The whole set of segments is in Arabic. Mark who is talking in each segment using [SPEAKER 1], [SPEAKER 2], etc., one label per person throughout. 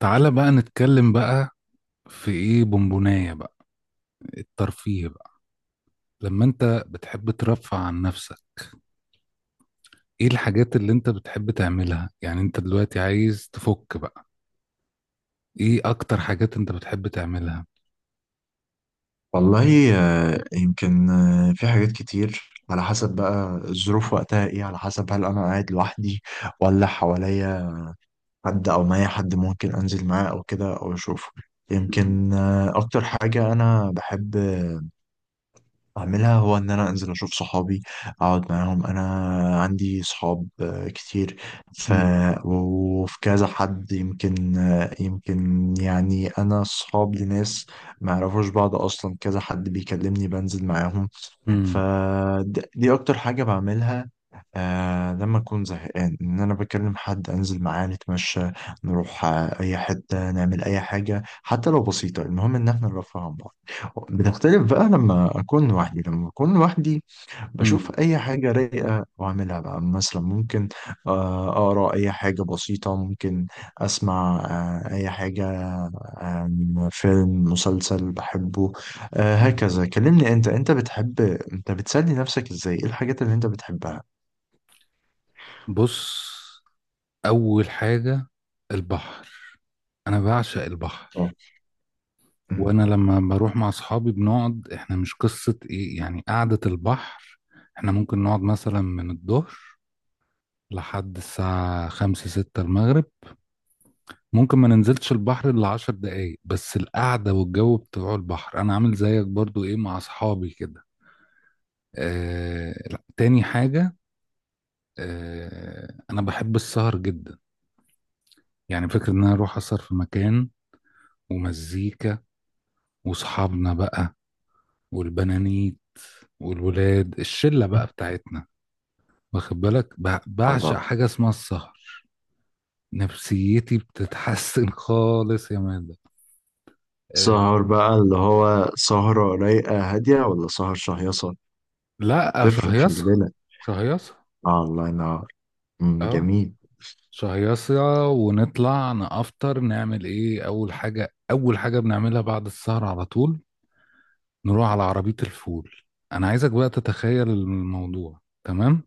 [SPEAKER 1] تعالى بقى نتكلم بقى، في ايه بونبوناية بقى، الترفيه بقى لما انت بتحب ترفع عن نفسك. ايه الحاجات اللي انت بتحب تعملها؟ يعني انت دلوقتي عايز تفك بقى، ايه اكتر حاجات انت بتحب تعملها؟
[SPEAKER 2] والله يمكن في حاجات كتير على حسب بقى الظروف وقتها ايه، على حسب هل انا قاعد لوحدي ولا حواليا حد او معايا حد ممكن انزل معاه او كده او اشوفه.
[SPEAKER 1] مم.
[SPEAKER 2] يمكن اكتر حاجة انا بحب اعملها هو ان انا انزل اشوف صحابي، اقعد معاهم. انا عندي صحاب كتير. ف
[SPEAKER 1] مم.
[SPEAKER 2] وفي كذا حد، يمكن يمكن يعني انا صحاب لناس ما يعرفوش بعض اصلا، كذا حد بيكلمني بنزل معاهم.
[SPEAKER 1] مم.
[SPEAKER 2] فدي اكتر حاجة بعملها، آه لما اكون زهقان ان انا بكلم حد انزل معاه نتمشى، نروح اي حتة، نعمل اي حاجة حتى لو بسيطة، المهم ان احنا نرفه عن بعض. بتختلف بقى لما اكون لوحدي.
[SPEAKER 1] مم.
[SPEAKER 2] بشوف اي حاجه رايقه واعملها بقى، مثلا ممكن اقرا اي حاجه بسيطه، ممكن اسمع اي حاجه، فيلم مسلسل بحبه.
[SPEAKER 1] مم.
[SPEAKER 2] هكذا. كلمني انت بتحب، انت بتسلي نفسك ازاي؟ ايه الحاجات اللي انت بتحبها؟
[SPEAKER 1] بص، اول حاجة البحر. انا بعشق
[SPEAKER 2] آه.
[SPEAKER 1] البحر.
[SPEAKER 2] م- م-
[SPEAKER 1] وانا لما بروح مع اصحابي بنقعد، احنا مش قصة ايه يعني قعدة البحر. احنا ممكن نقعد مثلا من الظهر لحد الساعة 5 6 المغرب، ممكن ما ننزلش البحر إلا 10 دقايق، بس القعدة والجو بتوع البحر. أنا عامل زيك برضو إيه مع أصحابي كده. آه لا. تاني حاجة، آه أنا بحب السهر جدا. يعني فكرة إن أنا أروح أسهر في مكان، ومزيكا، وأصحابنا بقى، والبنانيت، والولاد، الشلة بقى بتاعتنا. واخد بالك، بعشق
[SPEAKER 2] الله.
[SPEAKER 1] حاجة اسمها السهر. نفسيتي بتتحسن خالص يا مادة. آه،
[SPEAKER 2] سهر بقى اللي هو سهرة رايقة هادية، ولا سهر شهيصة؟
[SPEAKER 1] لا
[SPEAKER 2] تفرق، خلي
[SPEAKER 1] شهيصة.
[SPEAKER 2] بالك.
[SPEAKER 1] شهيصة.
[SPEAKER 2] آه، الله ينور. م،
[SPEAKER 1] اه
[SPEAKER 2] جميل.
[SPEAKER 1] شهيصة، ونطلع نفطر نعمل ايه؟ اول حاجة بنعملها بعد السهر على طول، نروح على عربية الفول. انا عايزك بقى تتخيل الموضوع تمام.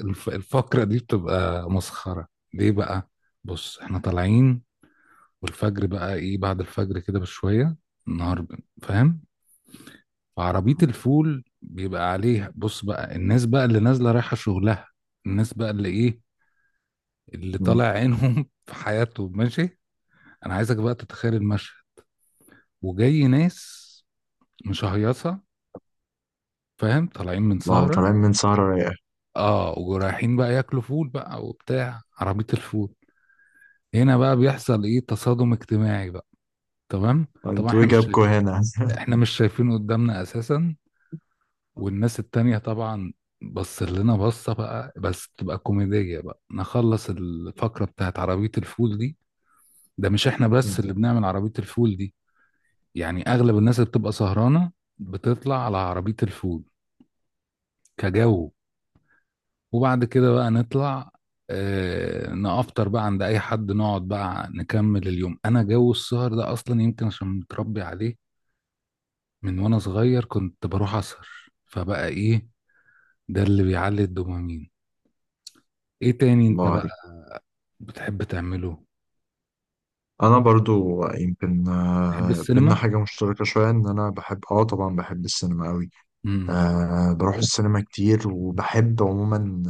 [SPEAKER 1] الفقرة دي بتبقى مسخرة. ليه بقى؟ بص احنا طالعين، والفجر بقى، ايه بعد الفجر كده بشوية، النهار فاهم. فعربية الفول بيبقى عليها، بص بقى الناس بقى اللي نازلة رايحة شغلها، الناس بقى اللي ايه، اللي طالع
[SPEAKER 2] م،
[SPEAKER 1] عينهم في حياته، ماشي. انا عايزك بقى تتخيل المشهد، وجاي ناس مشهيصه، فاهم، طالعين من
[SPEAKER 2] واو،
[SPEAKER 1] سهره.
[SPEAKER 2] طالعين من سهرة رايقة.
[SPEAKER 1] اه، ورايحين بقى ياكلوا فول بقى وبتاع عربيه الفول. هنا بقى بيحصل ايه، تصادم اجتماعي بقى، تمام. طبعا
[SPEAKER 2] انتوا ايه جابكوا هنا؟
[SPEAKER 1] احنا مش شايفين قدامنا اساسا، والناس التانية طبعا بص لنا بصة بقى، بس تبقى كوميدية بقى، نخلص الفقرة بتاعت عربية الفول دي. ده مش احنا بس
[SPEAKER 2] مم.
[SPEAKER 1] اللي بنعمل عربية الفول دي، يعني اغلب الناس اللي بتبقى سهرانه بتطلع على عربيه الفول كجو. وبعد كده بقى نطلع، نافطر بقى عند اي حد، نقعد بقى نكمل اليوم. انا جو السهر ده اصلا يمكن عشان متربي عليه، من وانا صغير كنت بروح اسهر. فبقى ايه، ده اللي بيعلي الدوبامين. ايه تاني انت
[SPEAKER 2] الله عليك.
[SPEAKER 1] بقى بتحب تعمله؟
[SPEAKER 2] انا برضو يمكن
[SPEAKER 1] تحب
[SPEAKER 2] بينا
[SPEAKER 1] السينما؟
[SPEAKER 2] حاجه مشتركه شويه، ان انا بحب، طبعا بحب السينما قوي.
[SPEAKER 1] امم.
[SPEAKER 2] أه، بروح السينما كتير وبحب عموما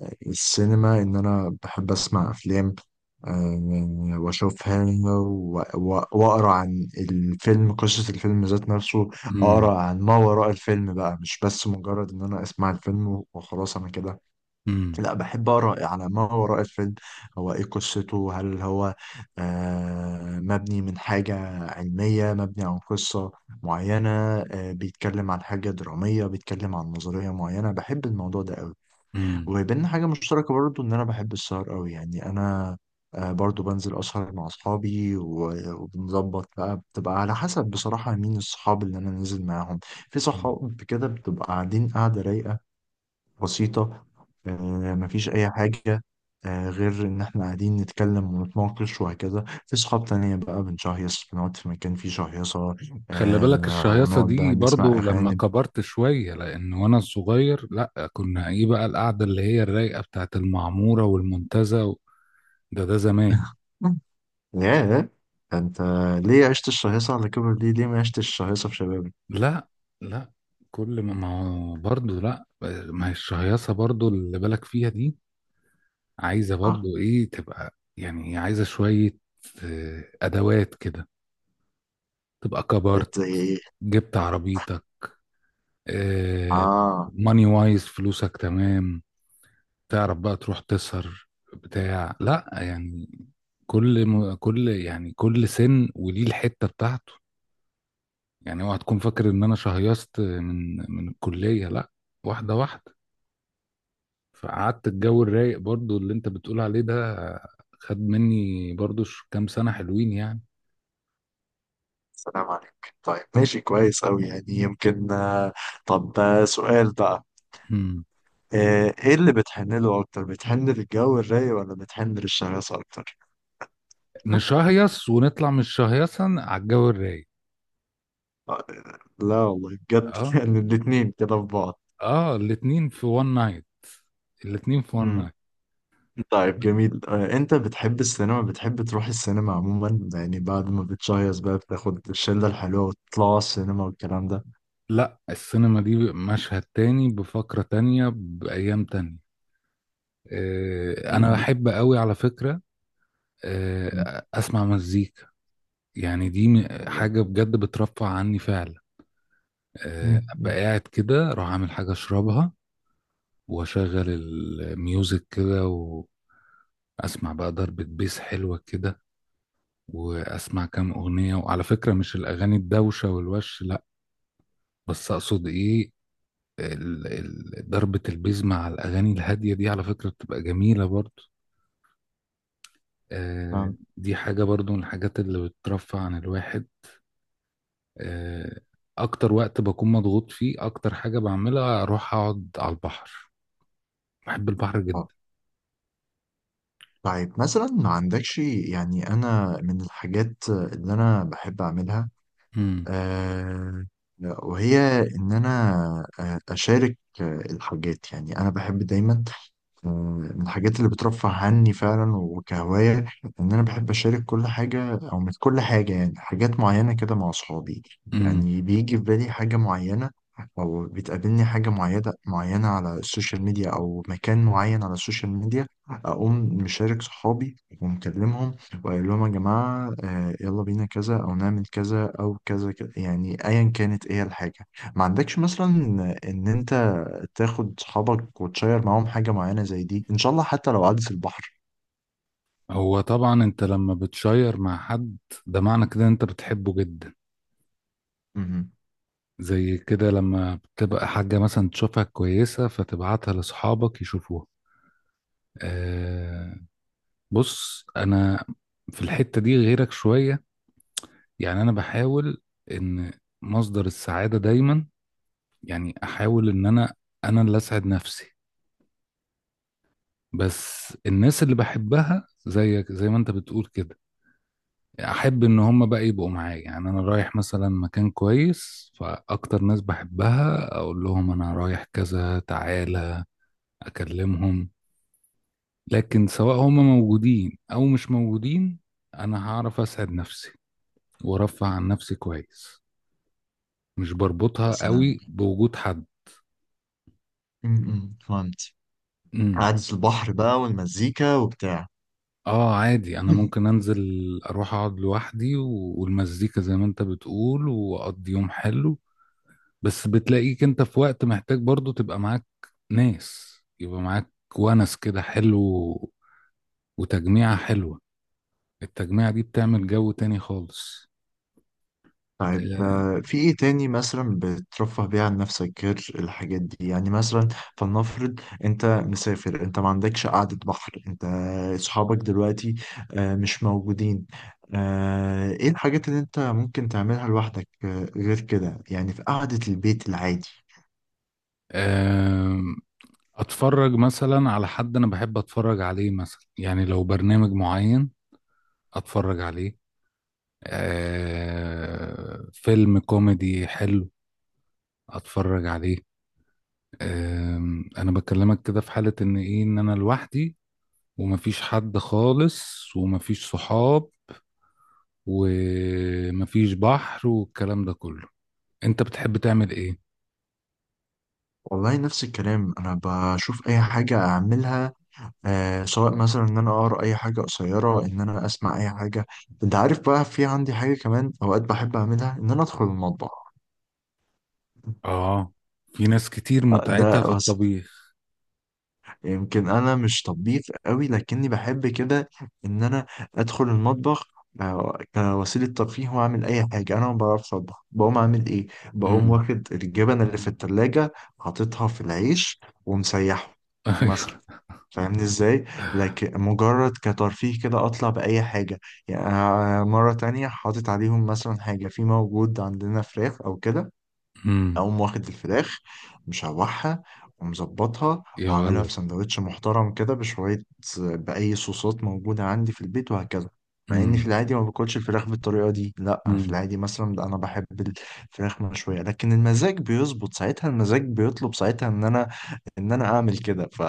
[SPEAKER 2] السينما، ان انا بحب اسمع افلام. أه واشوفها واقرا عن الفيلم، قصه الفيلم ذات نفسه.
[SPEAKER 1] امم.
[SPEAKER 2] اقرا عن ما وراء الفيلم بقى، مش بس مجرد ان انا اسمع الفيلم وخلاص، انا كده لا، بحب أقرأ على ما وراء الفيلم. هو إيه قصته؟ هل هو مبني من حاجة علمية، مبني عن قصة معينة، بيتكلم عن حاجة درامية، بيتكلم عن نظرية معينة؟ بحب الموضوع ده قوي.
[SPEAKER 1] امم.
[SPEAKER 2] وبيننا حاجة مشتركة برضو، إن أنا بحب السهر قوي. يعني أنا برضو بنزل أسهر مع أصحابي، وبنظبط بقى، بتبقى على حسب بصراحة مين الصحاب اللي أنا نازل معاهم. في صحاب كده بتبقى قاعدين قاعدة رايقة بسيطة، آه، مفيش أي حاجة غير إن إحنا قاعدين نتكلم ونتناقش وهكذا. في صحاب تانية بقى بنشهيص، بنقعد في مكان فيه شهيصة،
[SPEAKER 1] خلي بالك الشهيصة
[SPEAKER 2] ونقعد بقى
[SPEAKER 1] دي
[SPEAKER 2] نسمع
[SPEAKER 1] برضو لما
[SPEAKER 2] أغاني.
[SPEAKER 1] كبرت شوية، لأن وأنا صغير، لأ كنا إيه بقى، القعدة اللي هي الرايقة بتاعت المعمورة والمنتزه ده زمان.
[SPEAKER 2] ياه! أنت ليه عشت الشهيصة على كبر دي؟ ليه ما عشتش الشهيصة في شبابك؟
[SPEAKER 1] لأ. لأ. كل ما هو برضو، لأ. ما هي الشهيصة برضو اللي بالك فيها دي، عايزة
[SPEAKER 2] آه،
[SPEAKER 1] برضو إيه تبقى؟ يعني عايزة شوية آه، أدوات كده، تبقى
[SPEAKER 2] بقيت
[SPEAKER 1] كبرت،
[SPEAKER 2] زي إيه؟
[SPEAKER 1] جبت عربيتك، آه،
[SPEAKER 2] آه،
[SPEAKER 1] ماني وايز فلوسك تمام، تعرف بقى تروح تسهر بتاع لا يعني. كل يعني كل سن وليه الحتة بتاعته. يعني اوعى تكون فاكر ان انا شهيصت من الكلية، لا. واحدة واحدة. فقعدت الجو الرايق برضو اللي انت بتقول عليه ده، خد مني برضو كام سنة حلوين يعني.
[SPEAKER 2] سلام عليك. طيب ماشي، كويس أوي يعني، يمكن طب سؤال بقى.
[SPEAKER 1] مم.
[SPEAKER 2] إيه اللي بتحن له أكتر؟ بتحن للجو الرايق ولا بتحن للشهيصة أكتر؟
[SPEAKER 1] نشهيص ونطلع من الشهيصة على الجو الرايق.
[SPEAKER 2] آه، لا والله بجد.
[SPEAKER 1] اه.
[SPEAKER 2] يعني الاتنين كده في بعض.
[SPEAKER 1] اه الاتنين في وان نايت، الاتنين في وان
[SPEAKER 2] امم
[SPEAKER 1] نايت.
[SPEAKER 2] طيب جميل. انت بتحب السينما، بتحب تروح السينما عموما، يعني بعد ما بتشيص بقى بتاخد الشلة الحلوة وتطلع السينما والكلام ده؟
[SPEAKER 1] لا، السينما دي مشهد تاني بفقرة تانية بأيام تانية. آه، أنا
[SPEAKER 2] امم
[SPEAKER 1] بحب قوي على فكرة.
[SPEAKER 2] أمم،
[SPEAKER 1] آه، أسمع مزيكا. يعني دي
[SPEAKER 2] الله.
[SPEAKER 1] حاجة بجد بترفع عني فعلا. آه، أبقى
[SPEAKER 2] أمم،
[SPEAKER 1] قاعد كده أروح أعمل حاجة أشربها، وأشغل الميوزك كده، وأسمع بقى ضربة بيس حلوة كده، وأسمع كام أغنية. وعلى فكرة مش الأغاني الدوشة والوش، لا، بس أقصد إيه، ضربة البيز مع الأغاني الهادية دي، على فكرة بتبقى جميلة برضو. آه،
[SPEAKER 2] فاهم.
[SPEAKER 1] دي حاجة برضو من الحاجات اللي بترفع عن الواحد. آه، أكتر وقت بكون مضغوط فيه، أكتر حاجة بعملها أروح أقعد على البحر. بحب البحر
[SPEAKER 2] آه.
[SPEAKER 1] جدا.
[SPEAKER 2] طيب مثلا ما عندكش، يعني انا من الحاجات اللي انا بحب اعملها
[SPEAKER 1] مم.
[SPEAKER 2] آه وهي ان انا اشارك الحاجات. يعني انا بحب دايما، من الحاجات اللي بترفه عني فعلا وكهواية إن أنا بحب أشارك كل حاجة، أو مش كل حاجة يعني، حاجات معينة كده مع أصحابي.
[SPEAKER 1] مم.
[SPEAKER 2] يعني بيجي في بالي حاجة معينة، أو بتقابلني حاجة معينة على السوشيال ميديا، أو مكان معين على السوشيال ميديا، أقوم مشارك صحابي ومكلمهم وأقول لهم يا جماعة يلا بينا كذا أو نعمل كذا أو كذا كذا، يعني أيا كانت إيه الحاجة. ما عندكش مثلا إن أنت تاخد صحابك وتشير معاهم حاجة معينة زي دي إن شاء الله، حتى لو عدس البحر؟
[SPEAKER 1] هو طبعا أنت لما بتشير مع حد، ده معنى كده إن أنت بتحبه جدا.
[SPEAKER 2] مهم.
[SPEAKER 1] زي كده، لما بتبقى حاجة مثلا تشوفها كويسة فتبعتها لأصحابك يشوفوها. آه، بص انا في الحتة دي غيرك شوية. يعني انا بحاول ان مصدر السعادة دايما، يعني احاول ان انا اللي اسعد نفسي. بس الناس اللي بحبها زيك، زي ما انت بتقول كده، احب ان هم بقى يبقوا معايا، يعني انا رايح مثلا مكان كويس، فاكتر ناس بحبها اقول لهم انا رايح كذا تعالى، اكلمهم. لكن سواء هم موجودين او مش موجودين، انا هعرف اسعد نفسي وارفع عن نفسي كويس، مش بربطها
[SPEAKER 2] مثلا.
[SPEAKER 1] قوي بوجود حد.
[SPEAKER 2] مهم، فهمت.
[SPEAKER 1] امم.
[SPEAKER 2] عدس البحر بقى والمزيكا وبتاع.
[SPEAKER 1] اه عادي، انا
[SPEAKER 2] مم.
[SPEAKER 1] ممكن انزل اروح اقعد لوحدي والمزيكا زي ما انت بتقول، واقضي يوم حلو. بس بتلاقيك انت في وقت محتاج برضو تبقى معاك ناس، يبقى معاك ونس كده حلو، وتجميعة حلوة. التجميعة دي بتعمل جو تاني خالص.
[SPEAKER 2] طيب
[SPEAKER 1] آه،
[SPEAKER 2] في إيه تاني مثلا بترفه بيه عن نفسك غير الحاجات دي؟ يعني مثلا فلنفرض أنت مسافر، أنت ما عندكش قعدة بحر، أنت صحابك دلوقتي مش موجودين، إيه الحاجات اللي أنت ممكن تعملها لوحدك غير كده، يعني في قعدة البيت العادي؟
[SPEAKER 1] آم، اتفرج مثلا على حد انا بحب اتفرج عليه، مثلا يعني لو برنامج معين اتفرج عليه، آه، فيلم كوميدي حلو اتفرج عليه. انا بكلمك كده في حالة ان ايه، ان انا لوحدي، ومفيش حد خالص، ومفيش صحاب، ومفيش بحر والكلام ده كله. انت بتحب تعمل ايه؟
[SPEAKER 2] والله نفس الكلام، انا بشوف اي حاجه اعملها، سواء مثلا ان انا اقرا اي حاجه قصيره، ان انا اسمع اي حاجه. انت عارف بقى في عندي حاجه كمان اوقات بحب اعملها، ان انا ادخل المطبخ.
[SPEAKER 1] اه، في ناس كتير
[SPEAKER 2] ده
[SPEAKER 1] متعتها في
[SPEAKER 2] بس
[SPEAKER 1] الطبيخ.
[SPEAKER 2] يمكن انا مش طبيخ قوي، لكني بحب كده ان انا ادخل المطبخ كوسيلة ترفيه. وأعمل أي حاجة، أنا ما بعرفش أطبخ، بقوم أعمل إيه؟ بقوم
[SPEAKER 1] امم.
[SPEAKER 2] واخد الجبن اللي في التلاجة، حاططها في العيش ومسيحه مثلا.
[SPEAKER 1] ايوه.
[SPEAKER 2] فاهمني ازاي؟ لكن مجرد كترفيه كده، اطلع باي حاجه. يعني أنا مره تانية، حاطط عليهم مثلا حاجه، في موجود عندنا فراخ او كده،
[SPEAKER 1] امم.
[SPEAKER 2] اقوم واخد الفراخ، مشوحها ومظبطها
[SPEAKER 1] يا
[SPEAKER 2] وعاملها
[SPEAKER 1] ولد.
[SPEAKER 2] في سندوتش محترم كده بشويه، باي صوصات موجوده عندي في البيت وهكذا، مع اني في
[SPEAKER 1] امم.
[SPEAKER 2] العادي ما باكلش الفراخ بالطريقه دي. لا، في
[SPEAKER 1] امم.
[SPEAKER 2] العادي مثلا لا، انا بحب الفراخ مشويه. لكن المزاج بيظبط ساعتها، المزاج بيطلب ساعتها ان انا اعمل كده.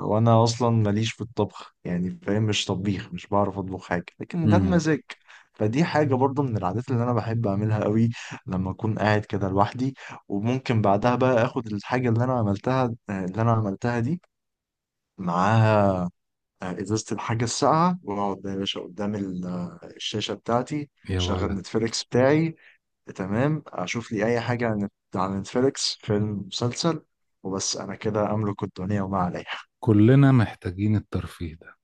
[SPEAKER 2] وانا اصلا ماليش في الطبخ يعني، فاهم؟ مش طبيخ، مش بعرف اطبخ حاجه، لكن ده
[SPEAKER 1] امم.
[SPEAKER 2] بمزاج. فدي حاجه برضو من العادات اللي انا بحب اعملها قوي لما اكون قاعد كده لوحدي. وممكن بعدها بقى اخد الحاجه اللي انا عملتها دي معاها ازازه الحاجه الساقعه، واقعد بقى يا باشا قدام الشاشه بتاعتي،
[SPEAKER 1] يا
[SPEAKER 2] شغل
[SPEAKER 1] ولد.
[SPEAKER 2] نتفليكس بتاعي، تمام، اشوف لي اي حاجه عن نتفليكس، فيلم مسلسل. وبس، انا كده املك الدنيا وما عليها.
[SPEAKER 1] كلنا محتاجين الترفيه ده.